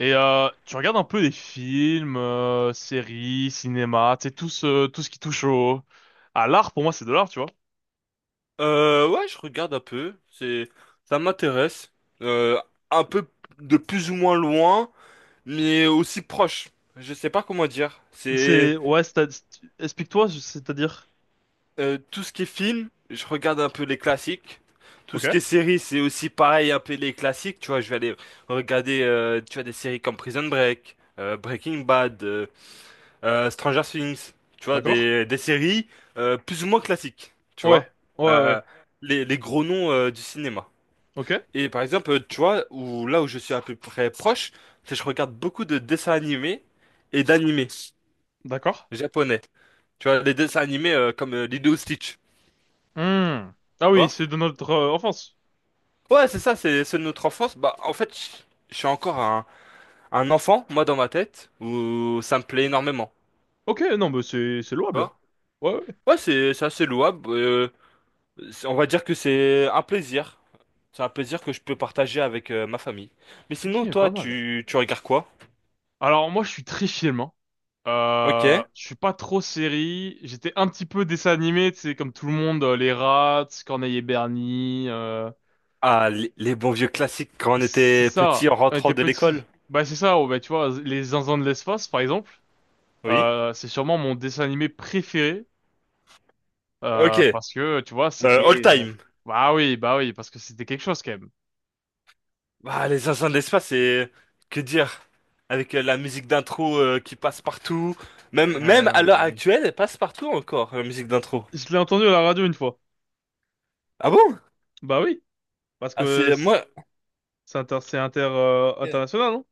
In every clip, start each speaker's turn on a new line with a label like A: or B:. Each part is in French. A: Et tu regardes un peu des films, séries, cinéma, tu sais, tout ce qui touche au, à l'art, pour moi, c'est de l'art, tu vois.
B: Ouais, je regarde un peu. Ça m'intéresse. Euh, un peu de plus ou moins loin, mais aussi proche. Je sais pas comment dire. C'est
A: Ouais, explique-toi, c'est-à-dire.
B: Tout ce qui est film, je regarde un peu les classiques. Tout
A: Ok,
B: ce qui est série, c'est aussi pareil, un peu les classiques. Tu vois, je vais aller regarder, tu vois, des séries comme Prison Break, Breaking Bad, Stranger Things. Tu vois,
A: d'accord.
B: des séries plus ou moins classiques. Tu
A: Ouais,
B: vois,
A: ouais,
B: Euh,
A: ouais.
B: les gros noms du cinéma.
A: Ok,
B: Et par exemple, tu vois, là où je suis à peu près proche, c'est que je regarde beaucoup de dessins animés et d'animés
A: d'accord.
B: japonais. Tu vois, les dessins animés comme Lilo et Stitch. Tu
A: Hmm. Ah oui,
B: vois?
A: c'est de notre enfance.
B: Ouais, c'est ça, c'est ceux de notre enfance. Bah, en fait, je suis encore un enfant, moi, dans ma tête, où ça me plaît énormément.
A: Ok, non, mais c'est
B: Tu
A: louable.
B: vois?
A: Ouais, ouais.
B: Ouais, c'est assez louable. On va dire que c'est un plaisir. C'est un plaisir que je peux partager avec ma famille. Mais sinon,
A: Ok, pas
B: toi,
A: mal.
B: tu regardes quoi?
A: Alors, moi, je suis très film, hein.
B: Ok.
A: Je suis pas trop série. J'étais un petit peu dessin animé, tu sais, comme tout le monde, les Rats, Corneille et Bernie,
B: Ah, les bons vieux classiques quand on
A: c'est
B: était
A: ça,
B: petit en
A: on
B: rentrant
A: était
B: de l'école.
A: petit. Bah c'est ça, oh, bah, tu vois, les Zinzins de l'espace, par exemple,
B: Oui.
A: c'est sûrement mon dessin animé préféré,
B: Ok.
A: parce que, tu vois, c'était...
B: All
A: euh,
B: time.
A: bah oui, parce que c'était quelque chose quand même.
B: Bah, les Zinzins de l'espace, c'est... Que dire? Avec la musique d'intro qui passe partout.
A: Ouais,
B: Même à l'heure
A: ouais, oui.
B: actuelle, elle passe partout encore, la musique d'intro.
A: Je l'ai entendu à la radio une fois.
B: Ah bon?
A: Bah oui, parce
B: Ah,
A: que
B: c'est...
A: c'est
B: Moi...
A: c'est
B: Ok,
A: international, non?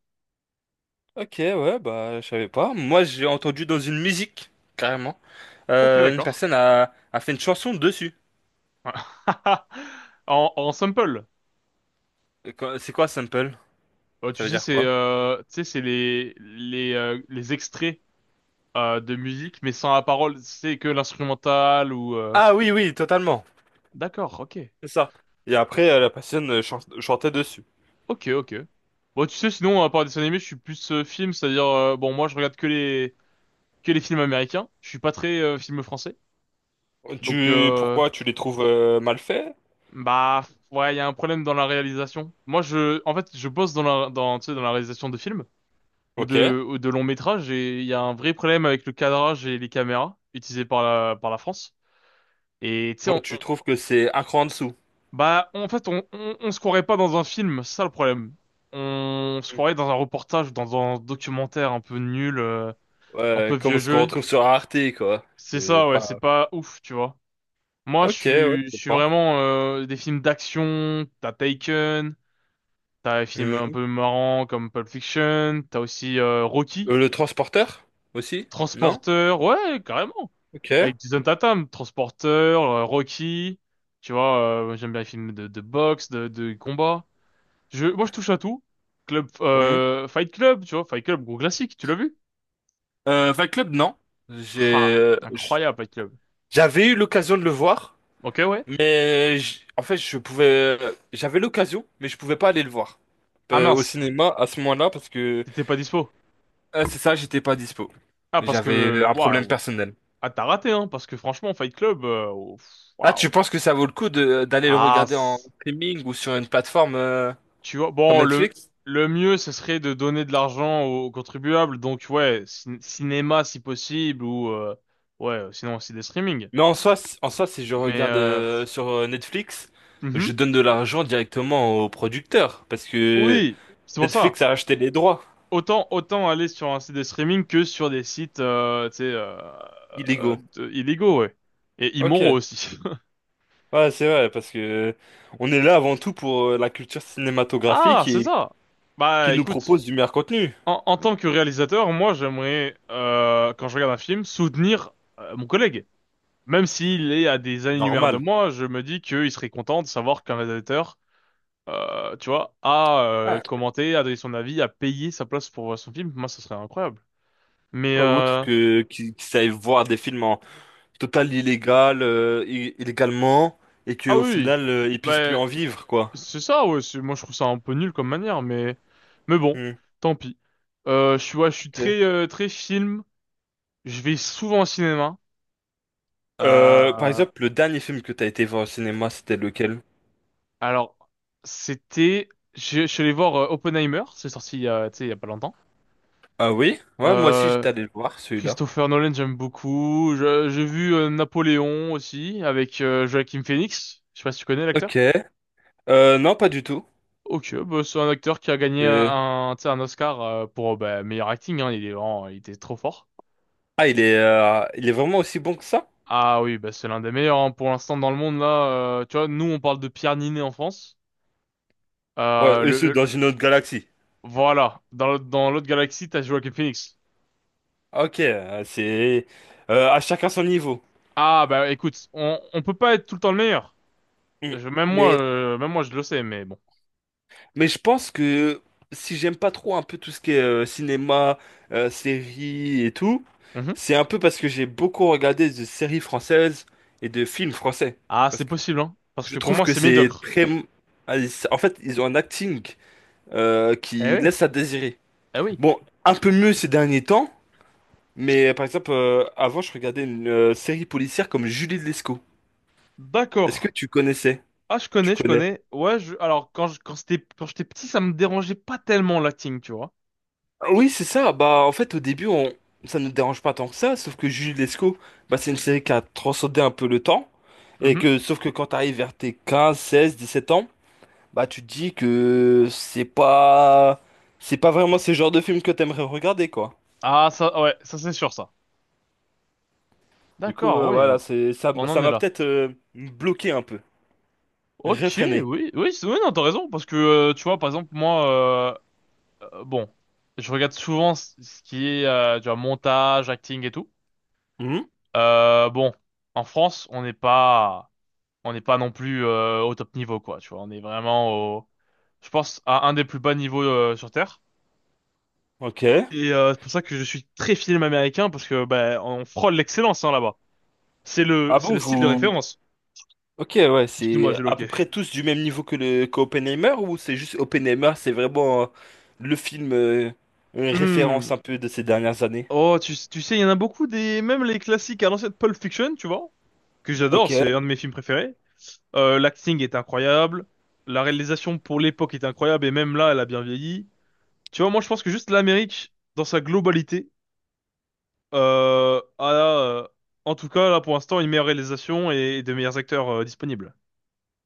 B: ok, ouais, bah, je savais pas. Moi, j'ai entendu dans une musique, carrément.
A: Ok,
B: Une
A: d'accord.
B: personne a fait une chanson dessus.
A: En sample.
B: C'est quoi, sample? Ça
A: Tu
B: veut
A: sais,
B: dire
A: c'est
B: quoi?
A: euh, tu sais, c'est les extraits de musique, mais sans la parole, c'est que l'instrumental ou...
B: Ah oui, oui, totalement.
A: D'accord, ok.
B: C'est ça. Et après, la patienne chantait dessus.
A: Ok, ok. Bon, tu sais, sinon, à part dessin animé, je suis plus film, c'est-à-dire, bon, moi, je regarde que les films américains. Je suis pas très film français. Donc, euh,
B: Pourquoi tu les trouves mal faits?
A: bah, ouais, il y a un problème dans la réalisation. Moi, en fait, je bosse dans dans, tu sais, dans la réalisation de films
B: Ok.
A: ou de longs métrages et il y a un vrai problème avec le cadrage et les caméras utilisées par la France. Et tu sais,
B: Moi, tu trouves que c'est un cran en dessous.
A: bah, en fait, on se croirait pas dans un film, c'est ça le problème. On se
B: Mm.
A: croirait dans un reportage, dans un documentaire un peu nul, un peu
B: Ouais,
A: vieux
B: comme ce qu'on
A: jeu.
B: retrouve sur Arte, quoi.
A: C'est
B: C'est
A: ça, ouais, c'est
B: pas...
A: pas ouf, tu vois. Moi, je
B: Ok, ouais,
A: suis, je
B: je
A: suis
B: comprends.
A: vraiment des films d'action, t'as Taken, t'as des films un
B: Mhm.
A: peu marrants comme Pulp Fiction, t'as aussi Rocky,
B: Le transporteur? Aussi? Non?
A: Transporteur, ouais, carrément,
B: Ok.
A: avec Jason Tatum, Transporteur, Rocky, tu vois, j'aime bien les films de boxe, de combat. Moi, je touche à tout. Club,
B: Mhm.
A: Fight Club, tu vois, Fight Club, gros classique, tu l'as vu?
B: Fight Club, non. J'ai...
A: Ah,
B: euh, j-
A: incroyable, Fight Club.
B: J'avais eu l'occasion de le voir,
A: Ok, ouais.
B: en fait, je pouvais... J'avais l'occasion, mais je pouvais pas aller le voir
A: Ah
B: au
A: mince,
B: cinéma à ce moment-là parce que...
A: t'étais pas dispo.
B: C'est ça, j'étais pas dispo.
A: Ah, parce
B: J'avais
A: que,
B: un problème
A: waouh,
B: personnel.
A: ah, t'as raté, hein, parce que franchement, Fight Club, oh, pff,
B: Ah, tu
A: waouh.
B: penses que ça vaut le coup de d'aller le
A: Ah,
B: regarder en streaming ou sur une plateforme
A: tu vois,
B: comme
A: bon,
B: Netflix?
A: le mieux, ce serait de donner de l'argent aux contribuables, donc ouais, cinéma si possible, ou ouais, sinon aussi des streamings.
B: Mais en soi, en soi, si je
A: Mais,
B: regarde
A: euh, pff,
B: sur Netflix, je
A: mhm.
B: donne de l'argent directement au producteur parce que
A: Oui, c'est pour ça.
B: Netflix a acheté les droits
A: Autant, autant aller sur un site de streaming que sur des sites
B: illégaux.
A: illégaux, ouais. Et
B: Ok.
A: immoraux aussi.
B: Ouais, c'est vrai parce que on est là avant tout pour la culture
A: Ah,
B: cinématographique
A: c'est
B: et
A: ça.
B: qui
A: Bah
B: nous
A: écoute,
B: propose du meilleur contenu.
A: en tant que réalisateur, moi j'aimerais, quand je regarde un film, soutenir mon collègue. Même s'il est à des années-lumière de
B: Normal.
A: moi, je me dis qu'il serait content de savoir qu'un réalisateur, tu vois, a
B: Ouais.
A: commenté, a donné son avis, a payé sa place pour voir son film. Moi, ça serait incroyable. Mais,
B: Ouais, autre
A: euh,
B: que qu'ils savent voir des films en total illégal, illégalement, et
A: ah
B: qu'au
A: oui, oui.
B: final, ils puissent plus
A: Bah,
B: en vivre, quoi.
A: c'est ça, ouais. Moi, je trouve ça un peu nul comme manière, mais bon,
B: Hmm,
A: tant pis. Ouais, je suis
B: ok.
A: très très film. Je vais souvent au cinéma.
B: Par
A: Euh,
B: exemple, le dernier film que t'as été voir au cinéma, c'était lequel?
A: alors, c'était, je suis allé voir Oppenheimer. C'est sorti il y a, tu sais, il y a pas longtemps.
B: Ah oui? Ouais, moi aussi,
A: Euh,
B: j'étais allé le voir, celui-là.
A: Christopher Nolan, j'aime beaucoup. J'ai vu Napoléon aussi avec Joaquin Phoenix. Je sais pas si tu connais
B: Ok.
A: l'acteur.
B: Non, pas du tout.
A: Ok, bah, c'est un acteur qui a gagné
B: Euh,
A: un, tu sais, un Oscar pour bah, meilleur acting, hein. Il était trop fort.
B: Ah, il est vraiment aussi bon que ça?
A: Ah oui, bah c'est l'un des meilleurs hein, pour l'instant dans le monde là. Tu vois, nous on parle de Pierre Niney en France.
B: Ouais,
A: Euh,
B: eux,
A: le,
B: c'est dans
A: le-
B: une autre galaxie.
A: voilà, dans l'autre galaxie, t'as Joaquin Phoenix.
B: Ok, à chacun son niveau.
A: Ah bah écoute, on peut pas être tout le temps le meilleur.
B: Hmm. Mais
A: Même moi je le sais, mais bon.
B: Mais je pense que si j'aime pas trop un peu tout ce qui est cinéma, séries et tout,
A: Mhm.
B: c'est un peu parce que j'ai beaucoup regardé de séries françaises et de films français.
A: Ah c'est
B: Parce que
A: possible hein, parce
B: je
A: que pour
B: trouve
A: moi
B: que
A: c'est
B: c'est
A: médiocre.
B: très... En fait, ils ont un acting
A: Eh
B: qui
A: oui,
B: laisse à désirer.
A: eh oui.
B: Bon, un peu mieux ces derniers temps, mais par exemple, avant, je regardais une série policière comme Julie de Lescaut. Est-ce que
A: D'accord.
B: tu connaissais?
A: Ah je
B: Tu
A: connais, je
B: connais?
A: connais. Ouais, je, alors quand je, quand c'était quand j'étais petit, ça me dérangeait pas tellement l'acting, tu vois.
B: Oui, c'est ça. Bah, en fait, au début, on... ça ne nous dérange pas tant que ça, sauf que Jules Lescaut, bah, c'est une série qui a transcendé un peu le temps. Et
A: Mhm.
B: que, sauf que quand t'arrives vers tes 15, 16, 17 ans, bah, tu te dis que c'est pas vraiment ce genre de film que t'aimerais regarder, quoi.
A: Ah ça, ouais, ça c'est sûr ça.
B: Du coup,
A: D'accord,
B: voilà,
A: oui, on en
B: ça
A: est
B: m'a
A: là.
B: peut-être bloqué un peu,
A: Ok,
B: réfréné.
A: oui, oui, oui, non, t'as raison, parce que tu vois, par exemple, moi, euh, euh, bon, je regarde souvent ce qui est tu vois, montage, acting et tout.
B: Mhm.
A: Euh, bon, en France, on n'est pas non plus au top niveau, quoi. Tu vois, on est vraiment au, je pense, à un des plus bas niveaux sur Terre.
B: Ok.
A: Et c'est pour ça que je suis très film américain, parce que ben on frôle l'excellence hein, là-bas.
B: Ah
A: C'est
B: bon,
A: le style de
B: vous,
A: référence.
B: ok, ouais,
A: Excuse-moi,
B: c'est
A: j'ai
B: à peu
A: loqué.
B: près tous du même niveau que le que Oppenheimer ou c'est juste Oppenheimer, c'est vraiment le film une référence
A: Hmm.
B: un peu de ces dernières années.
A: Oh, tu sais, il y en a beaucoup des, même les classiques à l'ancienne Pulp Fiction, tu vois, que j'adore,
B: Ok,
A: c'est un de mes films préférés. L'acting est incroyable, la réalisation pour l'époque est incroyable, et même là, elle a bien vieilli. Tu vois, moi, je pense que juste l'Amérique, dans sa globalité, euh, a, euh, en tout cas, là, pour l'instant, une meilleure réalisation et de meilleurs acteurs disponibles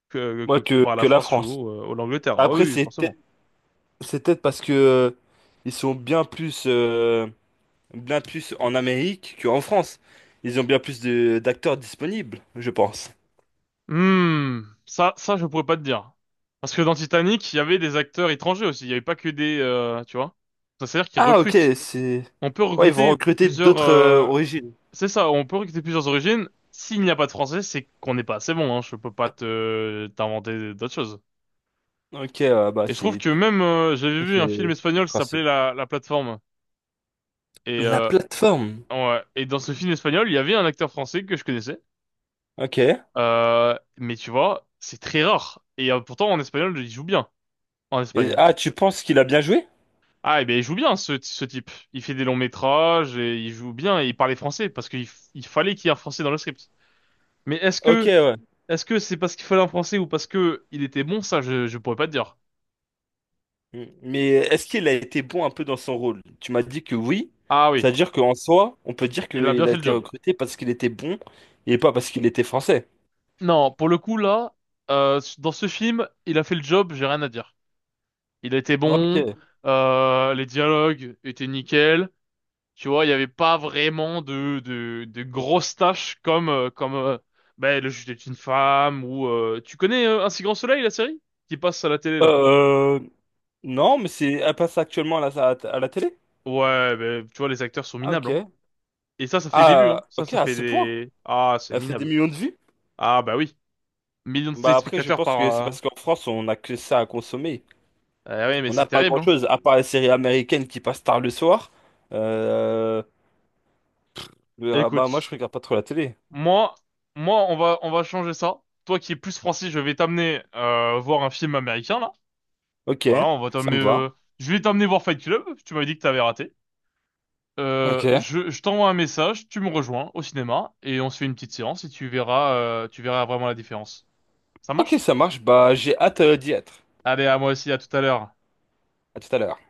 B: moi
A: comparé à la
B: que la
A: France
B: France.
A: ou, ou l'Angleterre. Oh
B: Après
A: oui, forcément.
B: c'est peut-être parce que ils sont bien plus en Amérique qu'en France. Ils ont bien plus de d'acteurs disponibles, je pense.
A: Hmm, je pourrais pas te dire. Parce que dans Titanic, il y avait des acteurs étrangers aussi. Il y avait pas que des, tu vois. Ça, c'est-à-dire qu'ils
B: Ah ok,
A: recrutent.
B: c'est
A: On peut
B: ouais ils vont
A: recruter
B: recruter
A: plusieurs,
B: d'autres origines.
A: c'est ça, on peut recruter plusieurs origines. S'il n'y a pas de français, c'est qu'on n'est pas assez bon, hein. Je peux pas te t'inventer d'autres choses.
B: Ok, bah
A: Et je trouve
B: c'est
A: que
B: tout
A: même, j'avais
B: à
A: vu
B: fait
A: un film
B: le
A: espagnol qui s'appelait
B: principe.
A: La Plateforme. Et
B: La plateforme.
A: ouais. Et dans ce film espagnol, il y avait un acteur français que je connaissais.
B: Ok.
A: Mais tu vois, c'est très rare. Et pourtant, en espagnol, il joue bien en
B: Et,
A: Espagne.
B: ah, tu penses qu'il a bien joué?
A: Ah, eh bien, il joue bien, ce type. Il fait des longs métrages et il joue bien et il parlait français il fallait qu'il y ait un français dans le script. Mais est-ce
B: Ok,
A: que,
B: ouais.
A: est-ce que c'est parce qu'il fallait un français ou parce que il était bon, ça, je pourrais pas te dire.
B: Mm. Mais est-ce qu'il a été bon un peu dans son rôle? Tu m'as dit que oui.
A: Ah oui,
B: C'est-à-dire qu'en soi, on peut dire
A: il a bien
B: qu'il a
A: fait le
B: été
A: job.
B: recruté parce qu'il était bon et pas parce qu'il était français.
A: Non, pour le coup, là, dans ce film, il a fait le job, j'ai rien à dire. Il a été bon,
B: Ok.
A: les dialogues étaient nickel. Tu vois, il n'y avait pas vraiment de grosses tâches comme ben, le juge est une femme ou... tu connais Un si Grand Soleil, la série? Qui passe à la télé, là.
B: Euh, non, mais c'est, elle passe actuellement à la télé?
A: Ouais, ben, tu vois, les acteurs sont
B: Ah,
A: minables,
B: ok.
A: hein. Et ça fait des vues, hein.
B: Ah,
A: Ça,
B: ok,
A: ça
B: à
A: fait
B: ce point.
A: des... Ah, c'est
B: Elle fait des
A: minable.
B: millions de vues?
A: Ah, bah oui. Millions de
B: Bah après, je
A: téléspectateurs
B: pense que
A: par...
B: c'est
A: Euh...
B: parce qu'en France, on n'a que ça à consommer.
A: eh oui, mais
B: On
A: c'est
B: n'a pas
A: terrible, hein.
B: grand-chose, à part les séries américaines qui passent tard le soir. Euh, Bah moi
A: Écoute,
B: je regarde pas trop la télé.
A: moi, on va changer ça. Toi qui es plus français, je vais t'amener voir un film américain, là.
B: Ok,
A: Voilà, on va
B: ça
A: t'amener...
B: me va.
A: euh, je vais t'amener voir Fight Club. Tu m'avais dit que t'avais raté.
B: Ok.
A: Je t'envoie un message, tu me rejoins au cinéma et on se fait une petite séance et tu verras vraiment la différence. Ça
B: Ok,
A: marche?
B: ça marche. Bah j'ai hâte d'y être.
A: Allez, à moi aussi, à tout à l'heure.
B: À tout à l'heure.